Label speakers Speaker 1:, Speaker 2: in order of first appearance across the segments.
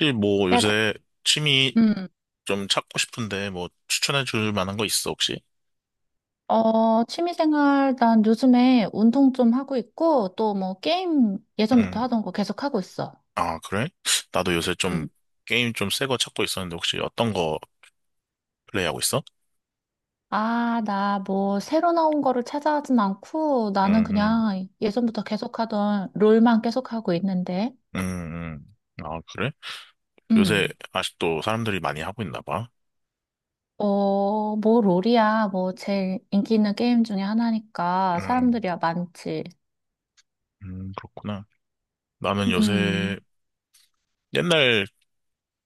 Speaker 1: 혹시 뭐
Speaker 2: 네,
Speaker 1: 요새 취미
Speaker 2: 음,
Speaker 1: 좀 찾고 싶은데 뭐 추천해 줄 만한 거 있어 혹시?
Speaker 2: 취미생활, 난 요즘에 운동 좀 하고 있고, 또 뭐 게임 예전부터
Speaker 1: 음.
Speaker 2: 하던 거 계속 하고 있어.
Speaker 1: 아, 그래? 나도 요새 좀
Speaker 2: 음.
Speaker 1: 게임 좀 새 거 찾고 있었는데 혹시 어떤 거 플레이하고 있어?
Speaker 2: 아, 나 뭐 새로 나온 거를 찾아하진 않고, 나는
Speaker 1: 음,
Speaker 2: 그냥 예전부터 계속 하던 롤만 계속 하고 있는데.
Speaker 1: 음, 음, 아, 그래? 요새
Speaker 2: 음.
Speaker 1: 아직도 사람들이 많이 하고 있나 봐.
Speaker 2: 뭐 롤이야. 뭐 제일 인기 있는 게임 중에 하나니까
Speaker 1: 음,
Speaker 2: 사람들이야 많지.
Speaker 1: 그렇구나. 나는
Speaker 2: 음.
Speaker 1: 요새 옛날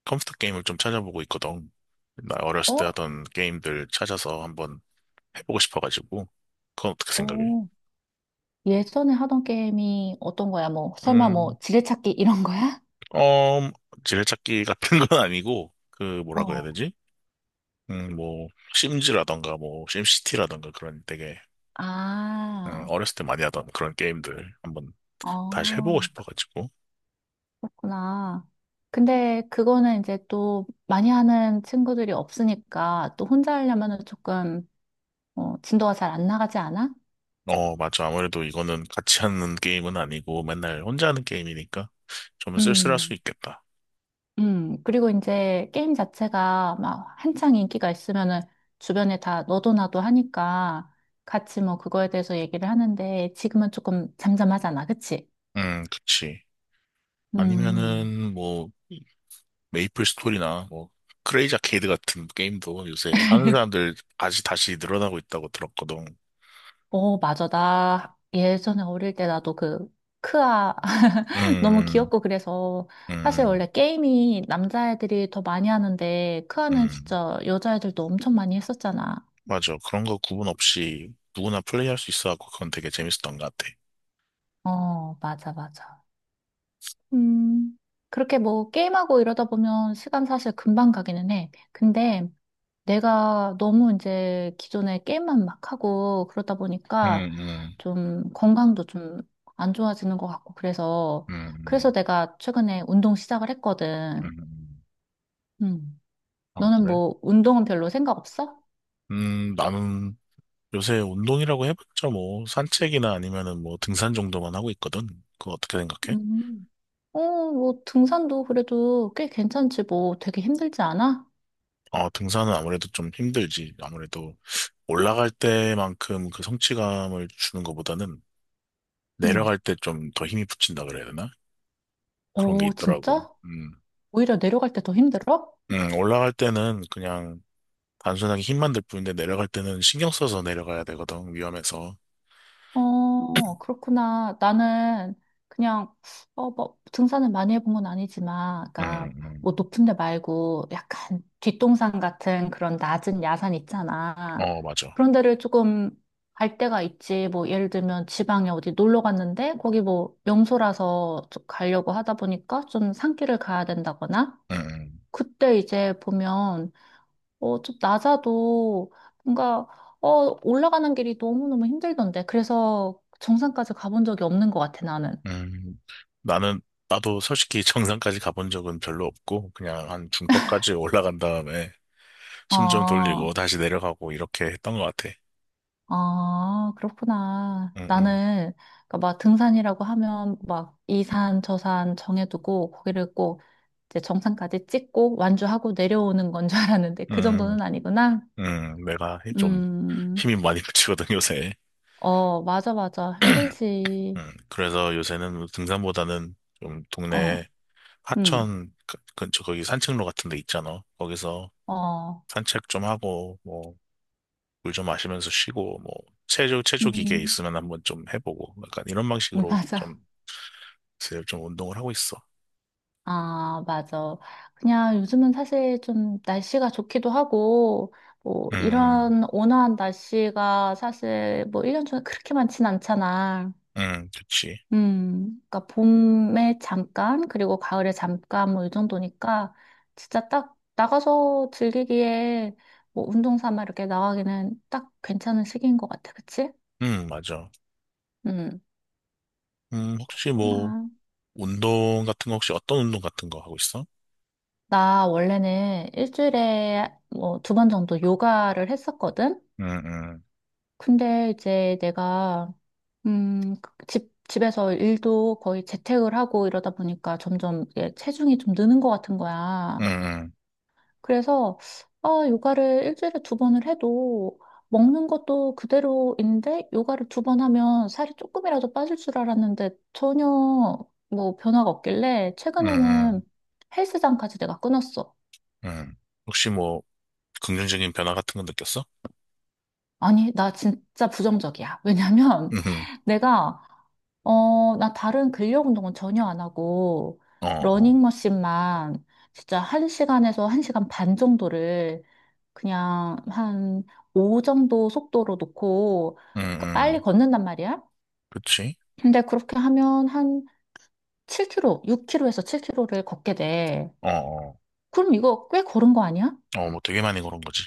Speaker 1: 컴퓨터 게임을 좀 찾아보고 있거든. 나 어렸을 때
Speaker 2: 어?
Speaker 1: 하던 게임들 찾아서 한번 해보고 싶어가지고. 그건 어떻게 생각해?
Speaker 2: 어. 예전에 하던 게임이 어떤 거야? 뭐, 설마
Speaker 1: 음.
Speaker 2: 뭐 지뢰찾기 이런 거야?
Speaker 1: 어, 지뢰찾기 같은 건 아니고, 그, 뭐라고 해야
Speaker 2: 어.
Speaker 1: 되지? 음, 뭐, 심즈라던가, 뭐, 심시티라던가, 그런 되게,
Speaker 2: 아,
Speaker 1: 어렸을 때 많이 하던 그런 게임들 한번 다시 해보고
Speaker 2: 어,
Speaker 1: 싶어가지고.
Speaker 2: 그렇구나. 근데 그거는 이제 또 많이 하는 친구들이 없으니까 또 혼자 하려면은 조금 진도가 잘 안 나가지 않아?
Speaker 1: 어, 맞아. 아무래도 이거는 같이 하는 게임은 아니고, 맨날 혼자 하는 게임이니까 좀 쓸쓸할 수
Speaker 2: 음,
Speaker 1: 있겠다.
Speaker 2: 그리고 이제 게임 자체가 막 한창 인기가 있으면은 주변에 다 너도 나도 하니까 같이 뭐 그거에 대해서 얘기를 하는데 지금은 조금 잠잠하잖아, 그치?
Speaker 1: 그치.
Speaker 2: 음.
Speaker 1: 아니면은, 뭐, 메이플 스토리나, 뭐, 크레이지 아케이드 같은 게임도 요새 하는 사람들 다시 늘어나고 있다고 들었거든.
Speaker 2: 어, 맞아. 나 예전에 어릴 때 나도 그 크아 너무
Speaker 1: 음,
Speaker 2: 귀엽고 그래서
Speaker 1: 음.
Speaker 2: 사실
Speaker 1: 음.
Speaker 2: 원래 게임이 남자애들이 더 많이 하는데 크아는
Speaker 1: 음,
Speaker 2: 진짜 여자애들도 엄청 많이 했었잖아.
Speaker 1: 맞아. 그런 거 구분 없이 누구나 플레이할 수 있어갖고 그건 되게 재밌었던 것 같아.
Speaker 2: 어, 맞아, 맞아. 음, 그렇게 뭐 게임하고 이러다 보면 시간 사실 금방 가기는 해. 근데 내가 너무 이제 기존에 게임만 막 하고 그러다
Speaker 1: 음,
Speaker 2: 보니까
Speaker 1: 음,
Speaker 2: 좀 건강도 좀 안 좋아지는 것 같고 그래서
Speaker 1: 음,
Speaker 2: 내가 최근에 운동 시작을 했거든.
Speaker 1: 음.
Speaker 2: 음.
Speaker 1: 아,
Speaker 2: 너는
Speaker 1: 그래?
Speaker 2: 뭐 운동은 별로 생각 없어?
Speaker 1: 나는 요새 운동이라고 해봤자 뭐 산책이나 아니면은 뭐 등산 정도만 하고 있거든. 그거 어떻게 생각해?
Speaker 2: 음. 어, 뭐 등산도 그래도 꽤 괜찮지 뭐 되게 힘들지 않아?
Speaker 1: 어, 등산은 아무래도 좀 힘들지. 아무래도 올라갈 때만큼 그 성취감을 주는 것보다는
Speaker 2: 음.
Speaker 1: 내려갈 때 좀 더 힘이 붙인다 그래야 되나? 그런 게
Speaker 2: 어,
Speaker 1: 있더라고.
Speaker 2: 진짜?
Speaker 1: 음.
Speaker 2: 오히려 내려갈 때 더 힘들어?
Speaker 1: 올라갈 때는 그냥 단순하게 힘만 들 뿐인데 내려갈 때는 신경 써서 내려가야 되거든, 위험해서.
Speaker 2: 어, 어, 그렇구나. 나는 그냥, 뭐, 등산을 많이 해본 건 아니지만, 아까,
Speaker 1: 응응.
Speaker 2: 뭐, 높은 데 말고, 약간 뒷동산 같은 그런 낮은 야산 있잖아.
Speaker 1: 어, 맞아.
Speaker 2: 그런 데를 조금 갈 때가 있지. 뭐, 예를 들면 지방에 어디 놀러 갔는데, 거기 뭐, 명소라서 좀 가려고 하다 보니까 좀 산길을 가야 된다거나,
Speaker 1: 응응.
Speaker 2: 그때 이제 보면, 좀 낮아도 뭔가, 올라가는 길이 너무너무 힘들던데. 그래서 정상까지 가본 적이 없는 것 같아, 나는.
Speaker 1: 음. 나는, 나도 솔직히 정상까지 가본 적은 별로 없고, 그냥 한 중턱까지 올라간 다음에 숨 좀 돌리고
Speaker 2: 아,
Speaker 1: 다시 내려가고 이렇게 했던 것 같아.
Speaker 2: 아, 그렇구나.
Speaker 1: 응응.
Speaker 2: 나는, 그러니까 막 등산이라고 하면 막 이 산, 저 산 정해두고 거기를 꼭 이제 정상까지 찍고 완주하고 내려오는 건 줄 알았는데 그
Speaker 1: 음,
Speaker 2: 정도는 아니구나.
Speaker 1: 음. 음. 내가 좀
Speaker 2: 음,
Speaker 1: 힘이 많이 붙이거든, 요새.
Speaker 2: 맞아, 맞아. 힘들지.
Speaker 1: 그래서 요새는 등산보다는 좀
Speaker 2: 어,
Speaker 1: 동네
Speaker 2: 음,
Speaker 1: 하천 근처 거기 산책로 같은 데 있잖아. 거기서
Speaker 2: 어,
Speaker 1: 산책 좀 하고, 뭐, 물 좀 마시면서 쉬고 뭐 체조 기계
Speaker 2: 음,
Speaker 1: 있으면 한번 좀 해보고 약간 이런 방식으로 좀
Speaker 2: 맞아.
Speaker 1: 요새 좀 운동을 하고 있어.
Speaker 2: 아, 맞아. 그냥 요즘은 사실 좀 날씨가 좋기도 하고, 뭐,
Speaker 1: 음,
Speaker 2: 이런 온화한 날씨가 사실 뭐 1년 중에 그렇게 많진 않잖아.
Speaker 1: 그치.
Speaker 2: 그러니까 봄에 잠깐, 그리고 가을에 잠깐, 뭐 이 정도니까, 진짜 딱 나가서 즐기기에 뭐 운동 삼아 이렇게 나가기는 딱 괜찮은 시기인 것 같아. 그치?
Speaker 1: 맞아.
Speaker 2: 음,
Speaker 1: 혹시 뭐
Speaker 2: 그렇구나.
Speaker 1: 운동 같은 거 혹시 어떤 운동 같은 거 하고 있어?
Speaker 2: 나 원래는 일주일에 뭐 두 번 정도 요가를 했었거든?
Speaker 1: 음, 음,
Speaker 2: 근데 이제 내가 그 집에서 일도 거의 재택을 하고 이러다 보니까 점점 이게 체중이 좀 느는 것 같은 거야.
Speaker 1: 음,
Speaker 2: 그래서 아, 요가를 일주일에 두 번을 해도 먹는 것도 그대로인데 요가를 두 번 하면 살이 조금이라도 빠질 줄 알았는데 전혀 뭐 변화가 없길래
Speaker 1: 음, 음,
Speaker 2: 최근에는 헬스장까지 내가 끊었어.
Speaker 1: 음. 혹시 뭐 긍정적인 변화 같은 거 느꼈어?
Speaker 2: 아니, 나 진짜 부정적이야. 왜냐면
Speaker 1: 음,
Speaker 2: 내가 나 다른 근력 운동은 전혀 안 하고,
Speaker 1: 어, 어,
Speaker 2: 러닝머신만 진짜 한시간에서한시간반 정도를 그냥 한 5 정도 속도로 놓고
Speaker 1: 음,
Speaker 2: 그 빨리
Speaker 1: 음,
Speaker 2: 걷는단 말이야.
Speaker 1: 그치.
Speaker 2: 근데 그렇게 하면 한 7 k 로6 k 로에서 7 k 로를 걷게 돼.
Speaker 1: 어, 어,
Speaker 2: 그럼 이거 꽤 걸은 거 아니야?
Speaker 1: 어, 뭐 되게 많이 그런 거지.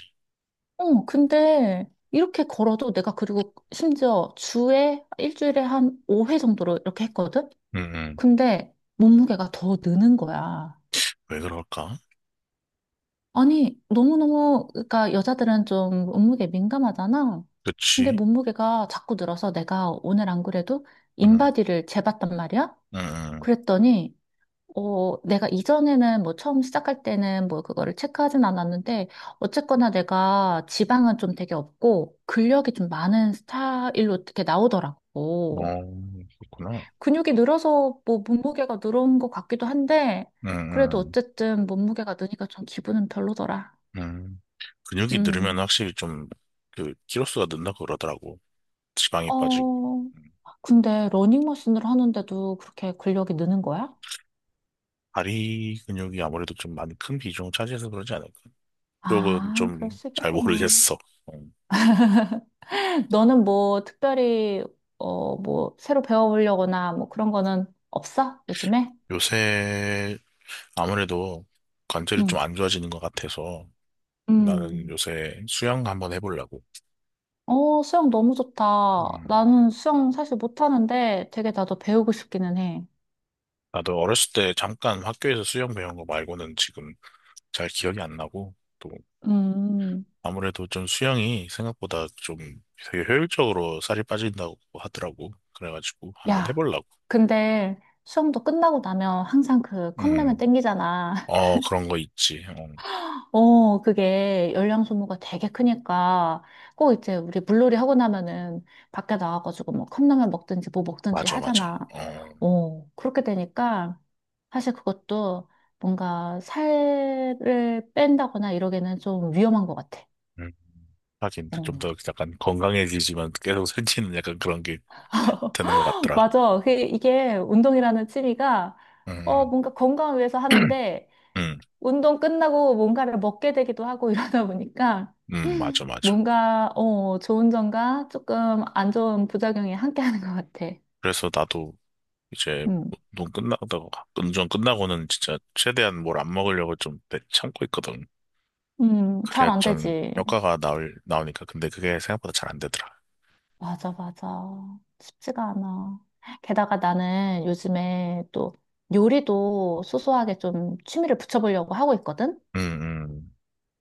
Speaker 2: 어, 근데 이렇게 걸어도 내가 그리고 심지어 일주일에 한 5회 정도로 이렇게 했거든?
Speaker 1: 음, 음.
Speaker 2: 근데 몸무게가 더 느는 거야.
Speaker 1: 왜 그럴까?
Speaker 2: 아니, 너무너무, 그러니까 여자들은 좀 몸무게 민감하잖아. 근데
Speaker 1: 그치.
Speaker 2: 몸무게가 자꾸 늘어서 내가 오늘 안 그래도
Speaker 1: 음,
Speaker 2: 인바디를 재봤단 말이야?
Speaker 1: 음, 음.
Speaker 2: 그랬더니, 내가 이전에는 뭐 처음 시작할 때는 뭐 그거를 체크하진 않았는데, 어쨌거나 내가 지방은 좀 되게 없고, 근력이 좀 많은 스타일로 이렇게
Speaker 1: 어,
Speaker 2: 나오더라고.
Speaker 1: 그렇구나.
Speaker 2: 근육이 늘어서 뭐 몸무게가 늘어온 것 같기도 한데,
Speaker 1: 음,
Speaker 2: 그래도
Speaker 1: 음,
Speaker 2: 어쨌든 몸무게가 느니까 좀 기분은 별로더라.
Speaker 1: 음. 근육이 늘으면
Speaker 2: 음.
Speaker 1: 확실히 좀, 그, 키로수가 는다 그러더라고. 지방이 빠지고.
Speaker 2: 어,
Speaker 1: 음.
Speaker 2: 근데 러닝머신을 하는데도 그렇게 근력이 느는 거야?
Speaker 1: 다리 근육이 아무래도 좀 많이 큰 비중을 차지해서 그러지 않을까. 쪽은
Speaker 2: 아, 그럴
Speaker 1: 좀
Speaker 2: 수
Speaker 1: 잘
Speaker 2: 있겠구나.
Speaker 1: 모르겠어. 음.
Speaker 2: 너는 뭐 특별히, 뭐 새로 배워보려거나 뭐 그런 거는 없어? 요즘에?
Speaker 1: 요새 아무래도 관절이 좀
Speaker 2: 응.
Speaker 1: 안 좋아지는 것 같아서 나는
Speaker 2: 음.
Speaker 1: 요새 수영 한번 해보려고.
Speaker 2: 수영 너무 좋다.
Speaker 1: 음.
Speaker 2: 나는 수영 사실 못하는데 되게 나도 배우고 싶기는 해.
Speaker 1: 나도 어렸을 때 잠깐 학교에서 수영 배운 거 말고는 지금 잘 기억이 안 나고. 또
Speaker 2: 음.
Speaker 1: 아무래도 좀 수영이 생각보다 좀 되게 효율적으로 살이 빠진다고 하더라고. 그래가지고 한번
Speaker 2: 야,
Speaker 1: 해보려고.
Speaker 2: 근데 수영도 끝나고 나면 항상 그 컵라면
Speaker 1: 음,
Speaker 2: 땡기잖아.
Speaker 1: 어, 그런 거 있지. 어,
Speaker 2: 그게 열량 소모가 되게 크니까 꼭 이제 우리 물놀이 하고 나면은 밖에 나와가지고 뭐 컵라면 먹든지 뭐 먹든지
Speaker 1: 맞아, 맞아.
Speaker 2: 하잖아.
Speaker 1: 어,
Speaker 2: 그렇게 되니까 사실 그것도 뭔가 살을 뺀다거나 이러기는 좀 위험한 것 같아.
Speaker 1: 음. 하긴 좀
Speaker 2: 어.
Speaker 1: 더 약간 건강해지지만 계속 살찌는 약간 그런 게 되는 것 같더라.
Speaker 2: 맞아. 이게 운동이라는 취미가
Speaker 1: 음,
Speaker 2: 뭔가 건강을 위해서 하는데
Speaker 1: 음,
Speaker 2: 운동 끝나고 뭔가를 먹게 되기도 하고 이러다 보니까
Speaker 1: 맞아, 맞아.
Speaker 2: 뭔가, 좋은 점과 조금 안 좋은 부작용이 함께 하는 것 같아.
Speaker 1: 그래서 나도 이제
Speaker 2: 음,
Speaker 1: 운동 끝나고, 운전 끝나고는 진짜 최대한 뭘 안 먹으려고 좀 참고 있거든.
Speaker 2: 잘
Speaker 1: 그래야
Speaker 2: 안
Speaker 1: 좀
Speaker 2: 되지.
Speaker 1: 효과가 나올, 나오니까. 근데 그게 생각보다 잘 안 되더라.
Speaker 2: 맞아, 맞아. 쉽지가 않아. 게다가 나는 요즘에 또 요리도 소소하게 좀 취미를 붙여보려고 하고 있거든?
Speaker 1: 음, 음.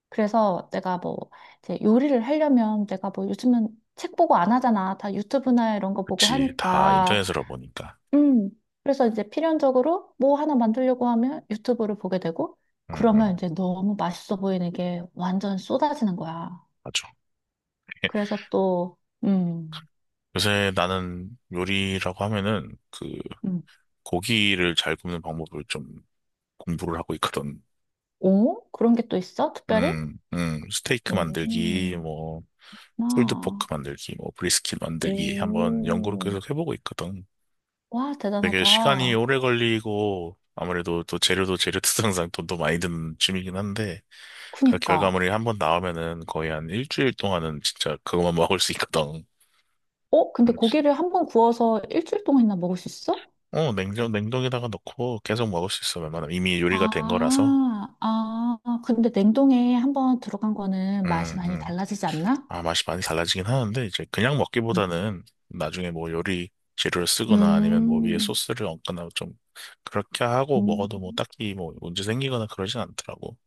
Speaker 2: 그래서 내가 뭐, 이제 요리를 하려면 내가 뭐 요즘은 책 보고 안 하잖아. 다 유튜브나 이런 거 보고
Speaker 1: 그치. 다
Speaker 2: 하니까.
Speaker 1: 인터넷으로 보니까.
Speaker 2: 음. 그래서 이제 필연적으로 뭐 하나 만들려고 하면 유튜브를 보게 되고,
Speaker 1: 응,
Speaker 2: 그러면
Speaker 1: 응,
Speaker 2: 이제 너무 맛있어 보이는 게 완전 쏟아지는 거야.
Speaker 1: 맞아.
Speaker 2: 그래서 또, 음,
Speaker 1: 요새 나는 요리라고 하면은 그
Speaker 2: 음.
Speaker 1: 고기를 잘 굽는 방법을 좀 공부를 하고 있거든.
Speaker 2: 오? 그런 게 또 있어? 특별히?
Speaker 1: 스테이크 만들기,
Speaker 2: 오,
Speaker 1: 뭐, 풀드 포크
Speaker 2: 나,
Speaker 1: 만들기, 뭐, 브리스킷 만들기 한번 연구를
Speaker 2: 오,
Speaker 1: 계속 해보고 있거든.
Speaker 2: 와,
Speaker 1: 되게 시간이
Speaker 2: 대단하다.
Speaker 1: 오래 걸리고 아무래도 또 재료도 재료 특성상 돈도 많이 드는 취미긴 한데 그
Speaker 2: 그니까.
Speaker 1: 결과물이 한번 나오면은 거의 한 일주일 동안은 진짜 그것만 먹을 수 있거든.
Speaker 2: 근데
Speaker 1: 그렇지.
Speaker 2: 고기를 한번 구워서 일주일 동안이나 먹을 수 있어?
Speaker 1: 어, 냉동에다가 넣고 계속 먹을 수 있어, 웬만하면. 이미 요리가 된 거라서.
Speaker 2: 아, 아, 근데 냉동에 한번 들어간 거는 맛이
Speaker 1: 음,
Speaker 2: 많이
Speaker 1: 음.
Speaker 2: 달라지지 않나?
Speaker 1: 아, 맛이 많이 달라지긴 하는데, 이제 그냥
Speaker 2: 음.
Speaker 1: 먹기보다는 나중에 뭐 요리 재료를 쓰거나 아니면 뭐 위에
Speaker 2: 음,
Speaker 1: 소스를 얹거나 좀 그렇게 하고
Speaker 2: 음.
Speaker 1: 먹어도 뭐 딱히 뭐 문제 생기거나 그러진 않더라고.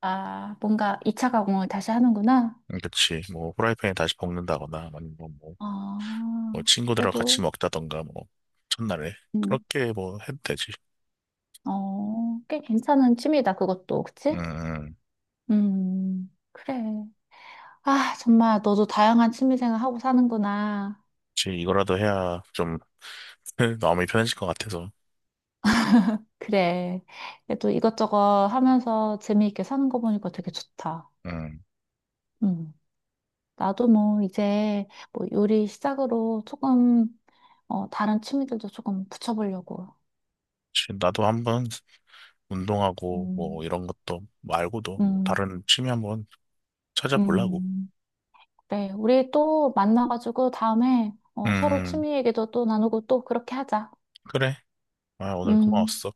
Speaker 2: 아, 뭔가 2차 가공을 다시 하는구나.
Speaker 1: 그치. 뭐 후라이팬에 다시 볶는다거나 아니면 뭐, 뭐
Speaker 2: 아,
Speaker 1: 친구들하고 같이
Speaker 2: 그래도,
Speaker 1: 먹다던가 뭐 첫날에
Speaker 2: 음,
Speaker 1: 그렇게 뭐 해도 되지.
Speaker 2: 꽤 괜찮은 취미다, 그것도. 그치?
Speaker 1: 음,
Speaker 2: 그래. 아, 정말 너도 다양한 취미 생활하고 사는구나.
Speaker 1: 지 이거라도 해야 좀 마음이 편해질 것 같아서.
Speaker 2: 그래. 그래도 이것저것 하면서 재미있게 사는 거 보니까 되게 좋다.
Speaker 1: 음,
Speaker 2: 음. 나도 뭐 이제 뭐 요리 시작으로 조금, 다른 취미들도 조금 붙여보려고.
Speaker 1: 지 나도 한번 운동하고 뭐
Speaker 2: 음,
Speaker 1: 이런 것도 말고도 뭐
Speaker 2: 음,
Speaker 1: 다른 취미 한번 찾아보려고.
Speaker 2: 음. 그래, 우리 또 만나가지고 다음에 서로
Speaker 1: 음,
Speaker 2: 취미 얘기도 또 나누고 또 그렇게 하자.
Speaker 1: 그래. 아, 오늘
Speaker 2: 음,
Speaker 1: 고마웠어.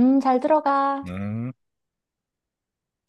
Speaker 2: 잘 들어가.
Speaker 1: 음.